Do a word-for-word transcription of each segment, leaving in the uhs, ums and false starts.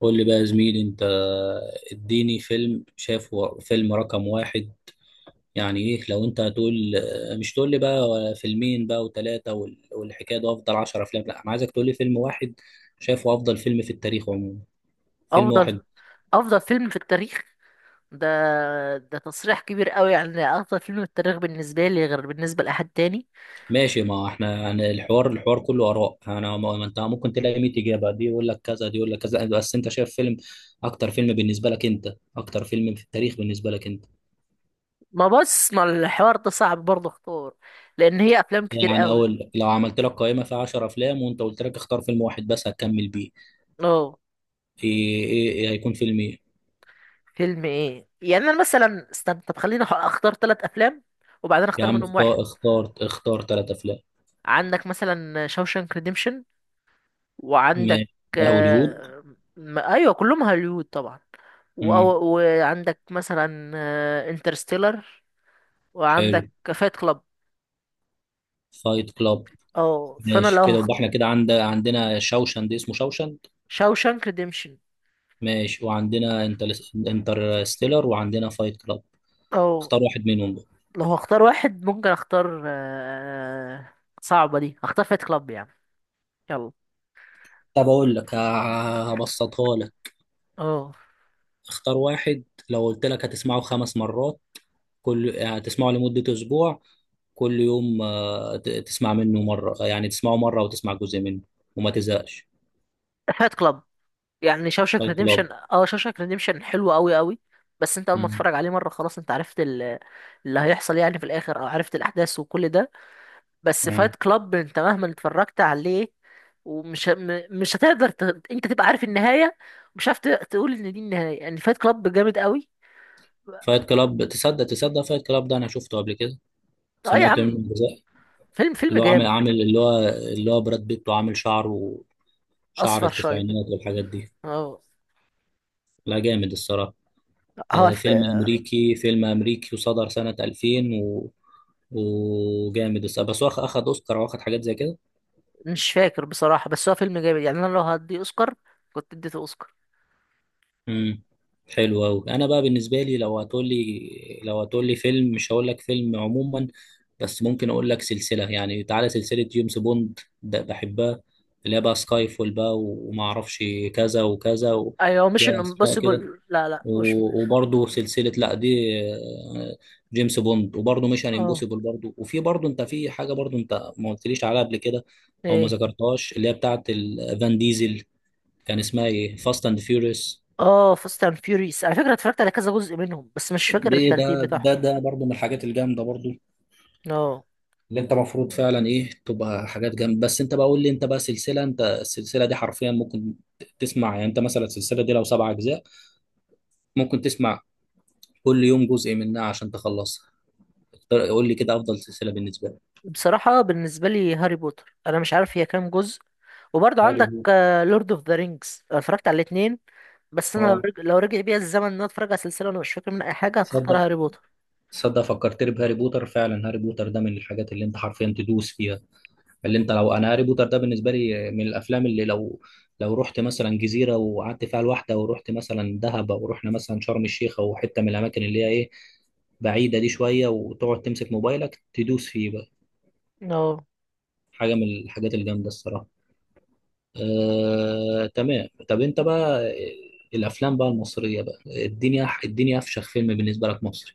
قول لي بقى يا زميلي انت. اديني فيلم شافه، فيلم رقم واحد. يعني ايه لو انت هتقول؟ مش تقول لي بقى فيلمين بقى وثلاثة وال- والحكاية ده افضل عشر افلام. لا، انا عايزك تقول لي فيلم واحد شافه افضل فيلم في التاريخ عموما. فيلم واحد. افضل افضل فيلم في التاريخ؟ ده ده تصريح كبير قوي. يعني افضل فيلم في التاريخ بالنسبه لي غير بالنسبه لاحد تاني. ماشي، ما احنا يعني الحوار الحوار كله اراء. انا ما ما انت ممكن تلاقي مية اجابة، دي يقول لك كذا دي يقول لك كذا، بس انت شايف فيلم، اكتر فيلم بالنسبة لك انت، اكتر فيلم في التاريخ بالنسبة لك انت. ما بص، ما الحوار ده صعب برضه اختار، لان هي افلام كتير يعني قوي. اقول لك لو عملت لك قائمه فيها عشر افلام وانت قلت لك اختار فيلم واحد بس هتكمل بيه. اه، ايه ايه, إيه هيكون فيلم ايه؟ فيلم ايه يعني؟ انا مثلا استنى. طب خليني أح- اختار ثلاث افلام وبعدين يا اختار عم منهم واحد. اختار اختار اختار ثلاث افلام. عندك مثلا شوشانك ريديمشن، وعندك ماشي، ده هوليوود. آه، م- ايوه كلهم هوليوود طبعا. و- امم وعندك مثلا انترستيلر، وعندك حلو. فايت كلاب. فايت كلاب. اه، فانا ماشي لو كده، هخ... يبقى احنا كده عند عندنا شوشند، اسمه شوشند. شاوشانك ريديمشن. ماشي، وعندنا انترستيلر وعندنا فايت كلاب. او اختار واحد منهم بقى. لو هختار واحد، ممكن اختار، آه، صعبة دي. اختار فايت كلاب يعني. يلا. طب اقول لك ه- هبسطها لك. اه، اختار واحد. لو قلت لك هتسمعه خمس مرات، كل هتسمعه لمدة أسبوع، كل يوم آه، ت- تسمع منه مرة، يعني تسمعه مرة وتسمع جزء منه وما تزهقش. فايت كلاب. يعني شاوشانك فايت ريديمشن، كلاب. اه، شاوشانك ريديمشن حلو قوي قوي. بس انت اول ما مم. تتفرج عليه مره خلاص انت عرفت ال- اللي هيحصل يعني في الاخر، او عرفت الاحداث وكل ده. بس مم. فايت كلاب انت مهما اتفرجت عليه، ومش م- مش هتقدر ت... انت تبقى عارف النهايه، مش عارف ت- تقول ان دي النهايه. يعني فايت كلاب جامد قوي. فايت كلاب، تصدق تصدق فايت كلاب ده أنا شفته قبل كده، اه يا سمعت عم، منه جزء. فيلم فيلم اللي هو عامل جامد. عامل اللي هو اللي هو براد بيت وعامل شعره، شعر اصفر شويه كده. التسعينات والحاجات دي. هو لا، جامد الصراحة. هو آه، ف... فيلم أمريكي فيلم أمريكي وصدر سنة ألفين و... وجامد الصراحة. بس هو أخ- أخد أوسكار وأخد حاجات زي كده. مش فاكر بصراحه، بس هو فيلم جامد. يعني انا لو هدي اوسكار، كنت اديته اوسكار. امم حلو قوي. انا بقى بالنسبه لي لو هتقول لي لو هتقول لي فيلم، مش هقول لك فيلم عموما، بس ممكن اقول لك سلسله. يعني تعالى، سلسله جيمس بوند ده بحبها، اللي هي بقى سكاي فول بقى وما اعرفش كذا وكذا و- ايوه، مش ليها ان اسماء كده. امبوسيبل. لا لا، مش. و- وبرضه سلسله، لا دي آه، جيمس بوند، وبرضه ميشن اه. امبوسيبل برضه. وفي برضه انت في حاجه برضه انت ما قلتليش عليها قبل كده او ما ايه. ذكرتهاش، اللي هي بتاعه ال- فان ديزل، كان اسمها ايه، فاست اند فيوريوس. اه، فاست اند فيوريس، على فكره اتفرجت على كذا جزء منهم بس مش فاكر دي ده الترتيب بتاعهم. ده ده برضه من الحاجات الجامده برضه، اه. اللي انت المفروض فعلا ايه تبقى حاجات جامده. بس انت بقى قول لي انت بقى سلسله، انت السلسله دي حرفيا ممكن ت- تسمع. يعني انت مثلا السلسله دي لو سبع اجزاء، ممكن تسمع كل يوم جزء منها عشان تخلصها. اختار- قول لي كده افضل سلسله بالنسبه لك. بصراحه بالنسبه لي هاري بوتر، انا مش عارف هي كام جزء. وبرضه هاري عندك بوتر. لورد اوف ذا رينجز، اتفرجت على الاثنين. بس انا لو اه، رج... لو رجع بيا الزمن ان انا اتفرج على سلسله وانا مش فاكر منها اي حاجه، هتختار تصدق هاري بوتر. تصدق فكرتني بهاري بوتر، فعلا هاري بوتر ده من الحاجات اللي انت حرفيا تدوس فيها. اللي انت لو انا، هاري بوتر ده بالنسبه لي من الافلام اللي لو لو رحت مثلا جزيره وقعدت فيها لوحده، ورحت مثلا دهب، او رحنا مثلا شرم الشيخ، او حته من الاماكن اللي هي ايه بعيده دي شويه، وتقعد تمسك موبايلك تدوس فيه بقى. اه. حاجه من الحاجات الجامده الصراحه. آه، تمام. طب انت بقى الافلام بقى المصريه بقى، الدنيا الدنيا افشخ فيلم بالنسبه لك مصري.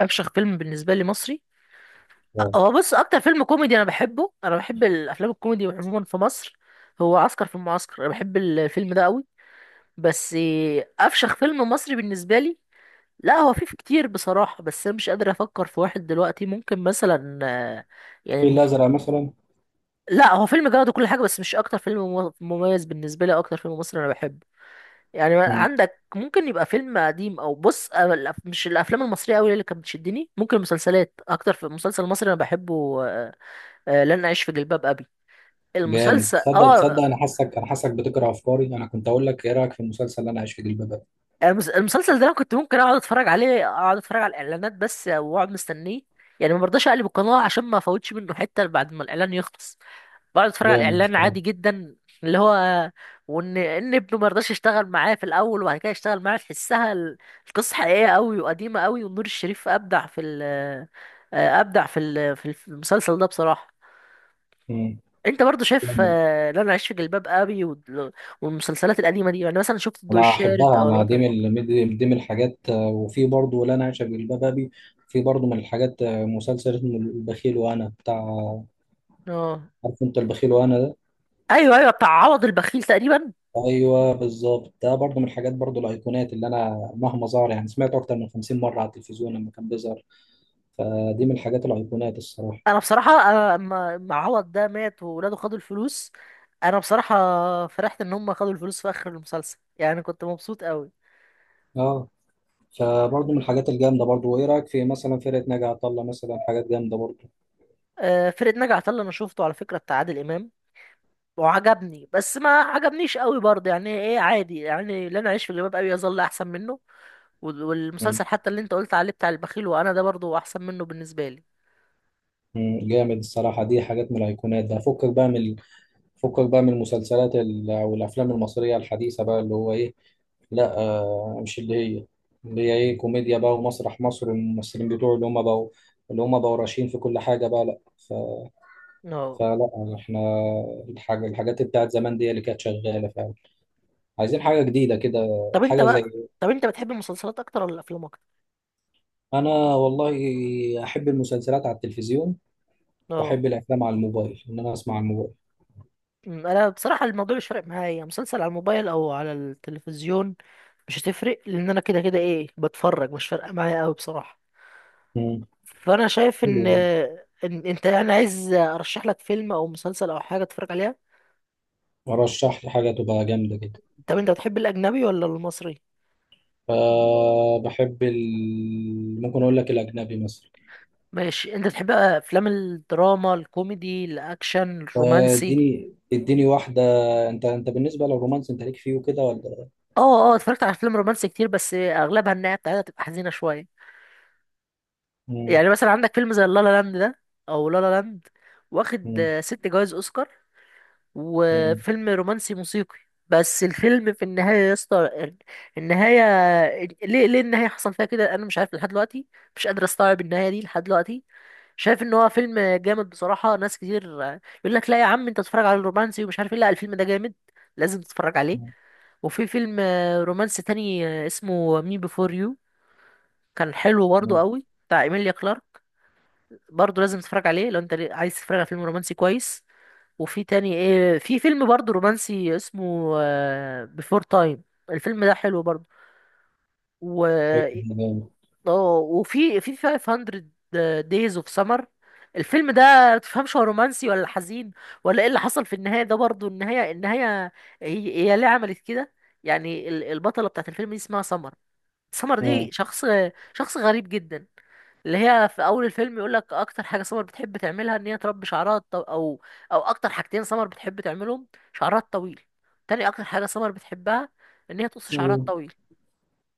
افشخ فيلم بالنسبه لي مصري؟ آه. هو بص، اكتر فيلم كوميدي انا بحبه، انا بحب الافلام الكوميدي عموما في مصر، هو عسكر في المعسكر. انا بحب الفيلم ده قوي. بس افشخ فيلم مصري بالنسبه لي، لا هو في في كتير بصراحه، بس انا مش قادر افكر في واحد دلوقتي. ممكن مثلا، آه، الفيل يعني، الأزرق مثلا. لا هو فيلم جامد وكل حاجه، بس مش اكتر فيلم مو- مميز بالنسبه لي، أو اكتر فيلم مصري انا بحبه. يعني مم. عندك ممكن يبقى فيلم قديم، او بص، أنا الأف- مش الافلام المصريه قوي اللي كانت بتشدني، ممكن المسلسلات اكتر. في مسلسل مصري انا بحبه، آه، آه، لن اعيش في جلباب ابي. جامد، المسلسل، تصدق تصدق اه. أنا حاسك أنا حاسك بتقرأ أفكاري، أنا كنت أقول لك إيه رأيك في المسلسل اللي أنا عايش في جلباب. المس- المسلسل ده انا كنت ممكن اقعد اتفرج عليه، اقعد اتفرج على الاعلانات بس واقعد مستنيه. يعني ما برضاش اقلب القناه عشان ما افوتش منه حته، بعد ما الاعلان يخلص بقعد اتفرج على جامد الاعلان الصراحة. عادي جدا. اللي هو وان ان ابنه ما رضاش يشتغل معاه في الاول، وبعد كده يشتغل معاه، تحسها ال- القصه حقيقيه قوي وقديمه قوي. ونور الشريف ابدع في ال آه، ابدع في ال- في الف- المسلسل ده بصراحه. مم. انت برضو شايف، جامد. آه، لا انا عايش في جلباب ابي وال- والمسلسلات القديمه دي. يعني مثلا شفت الضوء أنا الشارد أحبها، او أنا دي الوتد؟ من ال- دي من الحاجات، آه، وفي برضه لا أنا عايشة في جلباب أبي. في برضه من الحاجات، آه، مسلسل اسمه البخيل وأنا، بتاع. اه. عارف أنت البخيل وأنا ده. ايوه ايوه، بتاع عوض البخيل تقريبا. أيوه بالظبط، ده برضه من الحاجات برضه، الأيقونات اللي أنا مهما ظهر يعني سمعته أكتر من خمسين مرة على التلفزيون لما كان بيظهر، فدي من الحاجات الأيقونات الصراحة. انا بصراحه، انا لما لما عوض ده مات وولاده خدوا الفلوس، انا بصراحه فرحت ان هم خدوا الفلوس في اخر المسلسل. يعني كنت مبسوط قوي. أه. فبرضه من الحاجات الجامدة برضه. وإيه رأيك في مثلا فرقة ناجي عطا الله مثلا، حاجات جامدة برضه. آه، فرقه ناجي عطا الله، انا شفته على فكره بتاع عادل امام، وعجبني بس ما عجبنيش قوي برضه، يعني ايه، عادي يعني. لا، انا اعيش في جلباب ابي يظل احسن منه. وال- والمسلسل حتى اللي انت قلت عليه بتاع البخيل وانا ده، برضه احسن منه بالنسبه لي. مم، جامد الصراحة، دي حاجات من الأيقونات. ده فكك بقى من فكك بقى من المسلسلات ال- أو الأفلام المصرية الحديثة بقى، اللي هو إيه، لا آه مش اللي هي اللي هي إيه كوميديا بقى، ومسرح مصر، الممثلين بتوعه اللي هم بقوا اللي هم بقوا راشين في كل حاجة بقى، لا ف... اه. فلا إحنا الحاجة الحاجات بتاعت زمان دي اللي كانت شغالة فعلا، عايزين حاجة جديدة كده، طب انت حاجة بقى، زي. طب انت بتحب المسلسلات اكتر ولا الافلام اكتر؟ أنا والله أحب المسلسلات على التلفزيون، اه. وأحب الأفلام على الموبايل، إن أنا أسمع على الموبايل. أمم، انا بصراحه الموضوع مش فارق معايا، مسلسل على الموبايل او على التلفزيون مش هتفرق، لان انا كده كده ايه بتفرج، مش فارقه معايا قوي بصراحه. مم. فانا شايف حلو ان ده. إن انت يعني عايز ارشح لك فيلم او مسلسل او حاجه تتفرج عليها. ورشح لي حاجة تبقى جامدة جدا. طب انت بتحب الاجنبي ولا المصري؟ فبحب ال... ممكن أقول لك الأجنبي مثلا. ماشي، انت بتحب افلام الدراما، الكوميدي، الاكشن، آه، الرومانسي؟ اديني اديني واحدة. أنت أنت بالنسبة للرومانس، أنت ليك فيه وكده ولا؟ اه اه، اتفرجت على افلام رومانسي كتير بس اغلبها النهايه بتاعتها تبقى حزينه شويه. مم. يعني مثلا عندك فيلم زي لالا لاند ده، او لالا لاند، واخد مم. آه، ست جوائز اوسكار، مم. وفيلم رومانسي موسيقي. بس الفيلم في النهاية يا اسطى، النهاية، ليه، ليه النهاية حصل فيها كده؟ أنا مش عارف لحد دلوقتي، مش قادر أستوعب النهاية دي لحد دلوقتي. شايف إن هو فيلم جامد بصراحة. ناس كتير يقول لك لا يا عم، أنت تتفرج على الرومانسي ومش عارف إيه، لا الفيلم ده جامد، لازم تتفرج عليه. مم. وفي فيلم رومانسي تاني اسمه مي بيفور يو، كان حلو مم. برضه مم. قوي، بتاع إيميليا كلارك. برضه لازم تتفرج عليه لو أنت عايز تتفرج على فيلم رومانسي كويس. وفي تاني ايه، في فيلم برضه رومانسي اسمه بيفور تايم، الفيلم ده حلو برضه. و أيوه. اه وفي في فايف هاندرد دايز اوف سمر. الفيلم ده ما تفهمش هو رومانسي ولا حزين ولا ايه اللي حصل في النهايه ده، برضه النهايه، النهايه هي, هي ليه عملت كده؟ يعني ال- البطله بتاعت الفيلم دي اسمها سمر. سمر دي شخص شخص غريب جدا. اللي هي في اول الفيلم يقول لك اكتر حاجه سمر بتحب تعملها ان هي تربي شعرها الطو... او، او اكتر حاجتين سمر بتحب تعملهم، شعرها الطويل، تاني اكتر حاجه سمر بتحبها ان هي تقص شعرها الطويل،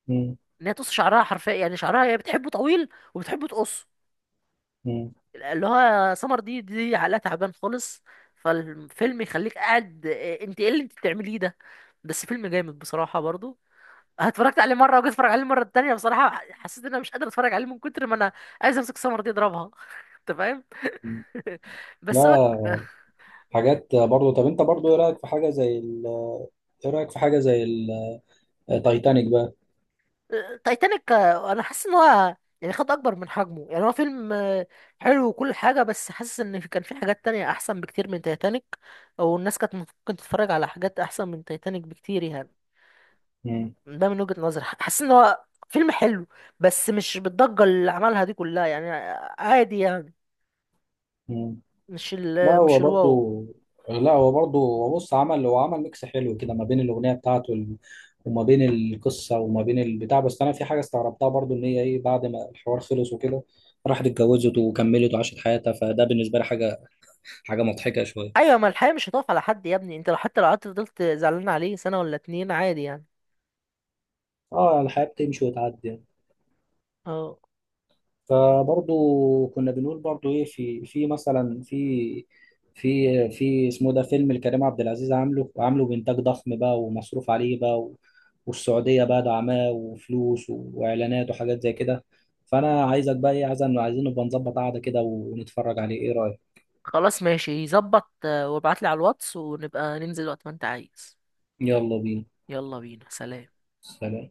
مم. ان هي تقص شعرها حرفيا. يعني شعرها هي بتحبه طويل وبتحبه تقصه. مم. اللي هو سمر دي دي عقلها تعبان خالص. فالفيلم يخليك قاعد، إيه، انت ايه اللي انت بتعمليه ده؟ بس فيلم جامد بصراحه برضو. اتفرجت عليه مره وجيت اتفرج عليه المره التانيه، بصراحه حسيت ان انا مش قادر اتفرج عليه من كتر ما انا عايز امسك السمره دي اضربها انت فاهم؟ مم. بس هو... لا، حاجات برضو. طب أنت برضو إيه رأيك في حاجة زي ال... إيه رأيك في حاجة زي التايتانيك بقى؟ تايتانيك، آه، انا حاسس ان هو يعني خد اكبر من حجمه. يعني هو فيلم آه، حلو وكل حاجه، بس حاسس ان في- كان في حاجات تانية احسن بكتير من تايتانيك، او الناس كانت ممكن تتفرج على حاجات احسن من تايتانيك بكتير يعني. مم. ده من وجهه نظري، حاسس ان هو فيلم حلو، بس مش بالضجه اللي عملها دي كلها يعني. عادي يعني، مم. مش لا ال، هو مش الواو. برضه لا هو برضه، هو بص عمل هو عمل ميكس حلو كده ما بين الأغنية بتاعته ال- وما بين القصة وما بين البتاع، بس أنا في حاجة استغربتها برضه، إن هي إيه بعد ما الحوار خلص وكده راحت اتجوزت وكملت وعاشت حياتها، فده بالنسبة لي حاجة حاجة مضحكة شوية. ايوه، ما الحياه مش هتقف على حد يا ابني. انت لو حتى لو قعدت فضلت زعلان عليه سنه ولا اتنين، عادي يعني. اه، الحياة بتمشي وتعدي. اه. فبرضو كنا بنقول برضو ايه، في في مثلا في في في اسمه ده، فيلم الكريم عبد العزيز، عامله عامله بإنتاج ضخم بقى ومصروف عليه بقى و- والسعودية بقى دعماه، وفلوس و- وإعلانات وحاجات زي كده. فأنا عايزك بقى ايه، عايز عايزين نبقى نظبط قعدة كده ونتفرج عليه، ايه رأيك؟ خلاص ماشي، ظبط، آه، وابعتلي على الواتس ونبقى ننزل وقت ما انت عايز. يلا بينا. يلا بينا. سلام. سلام.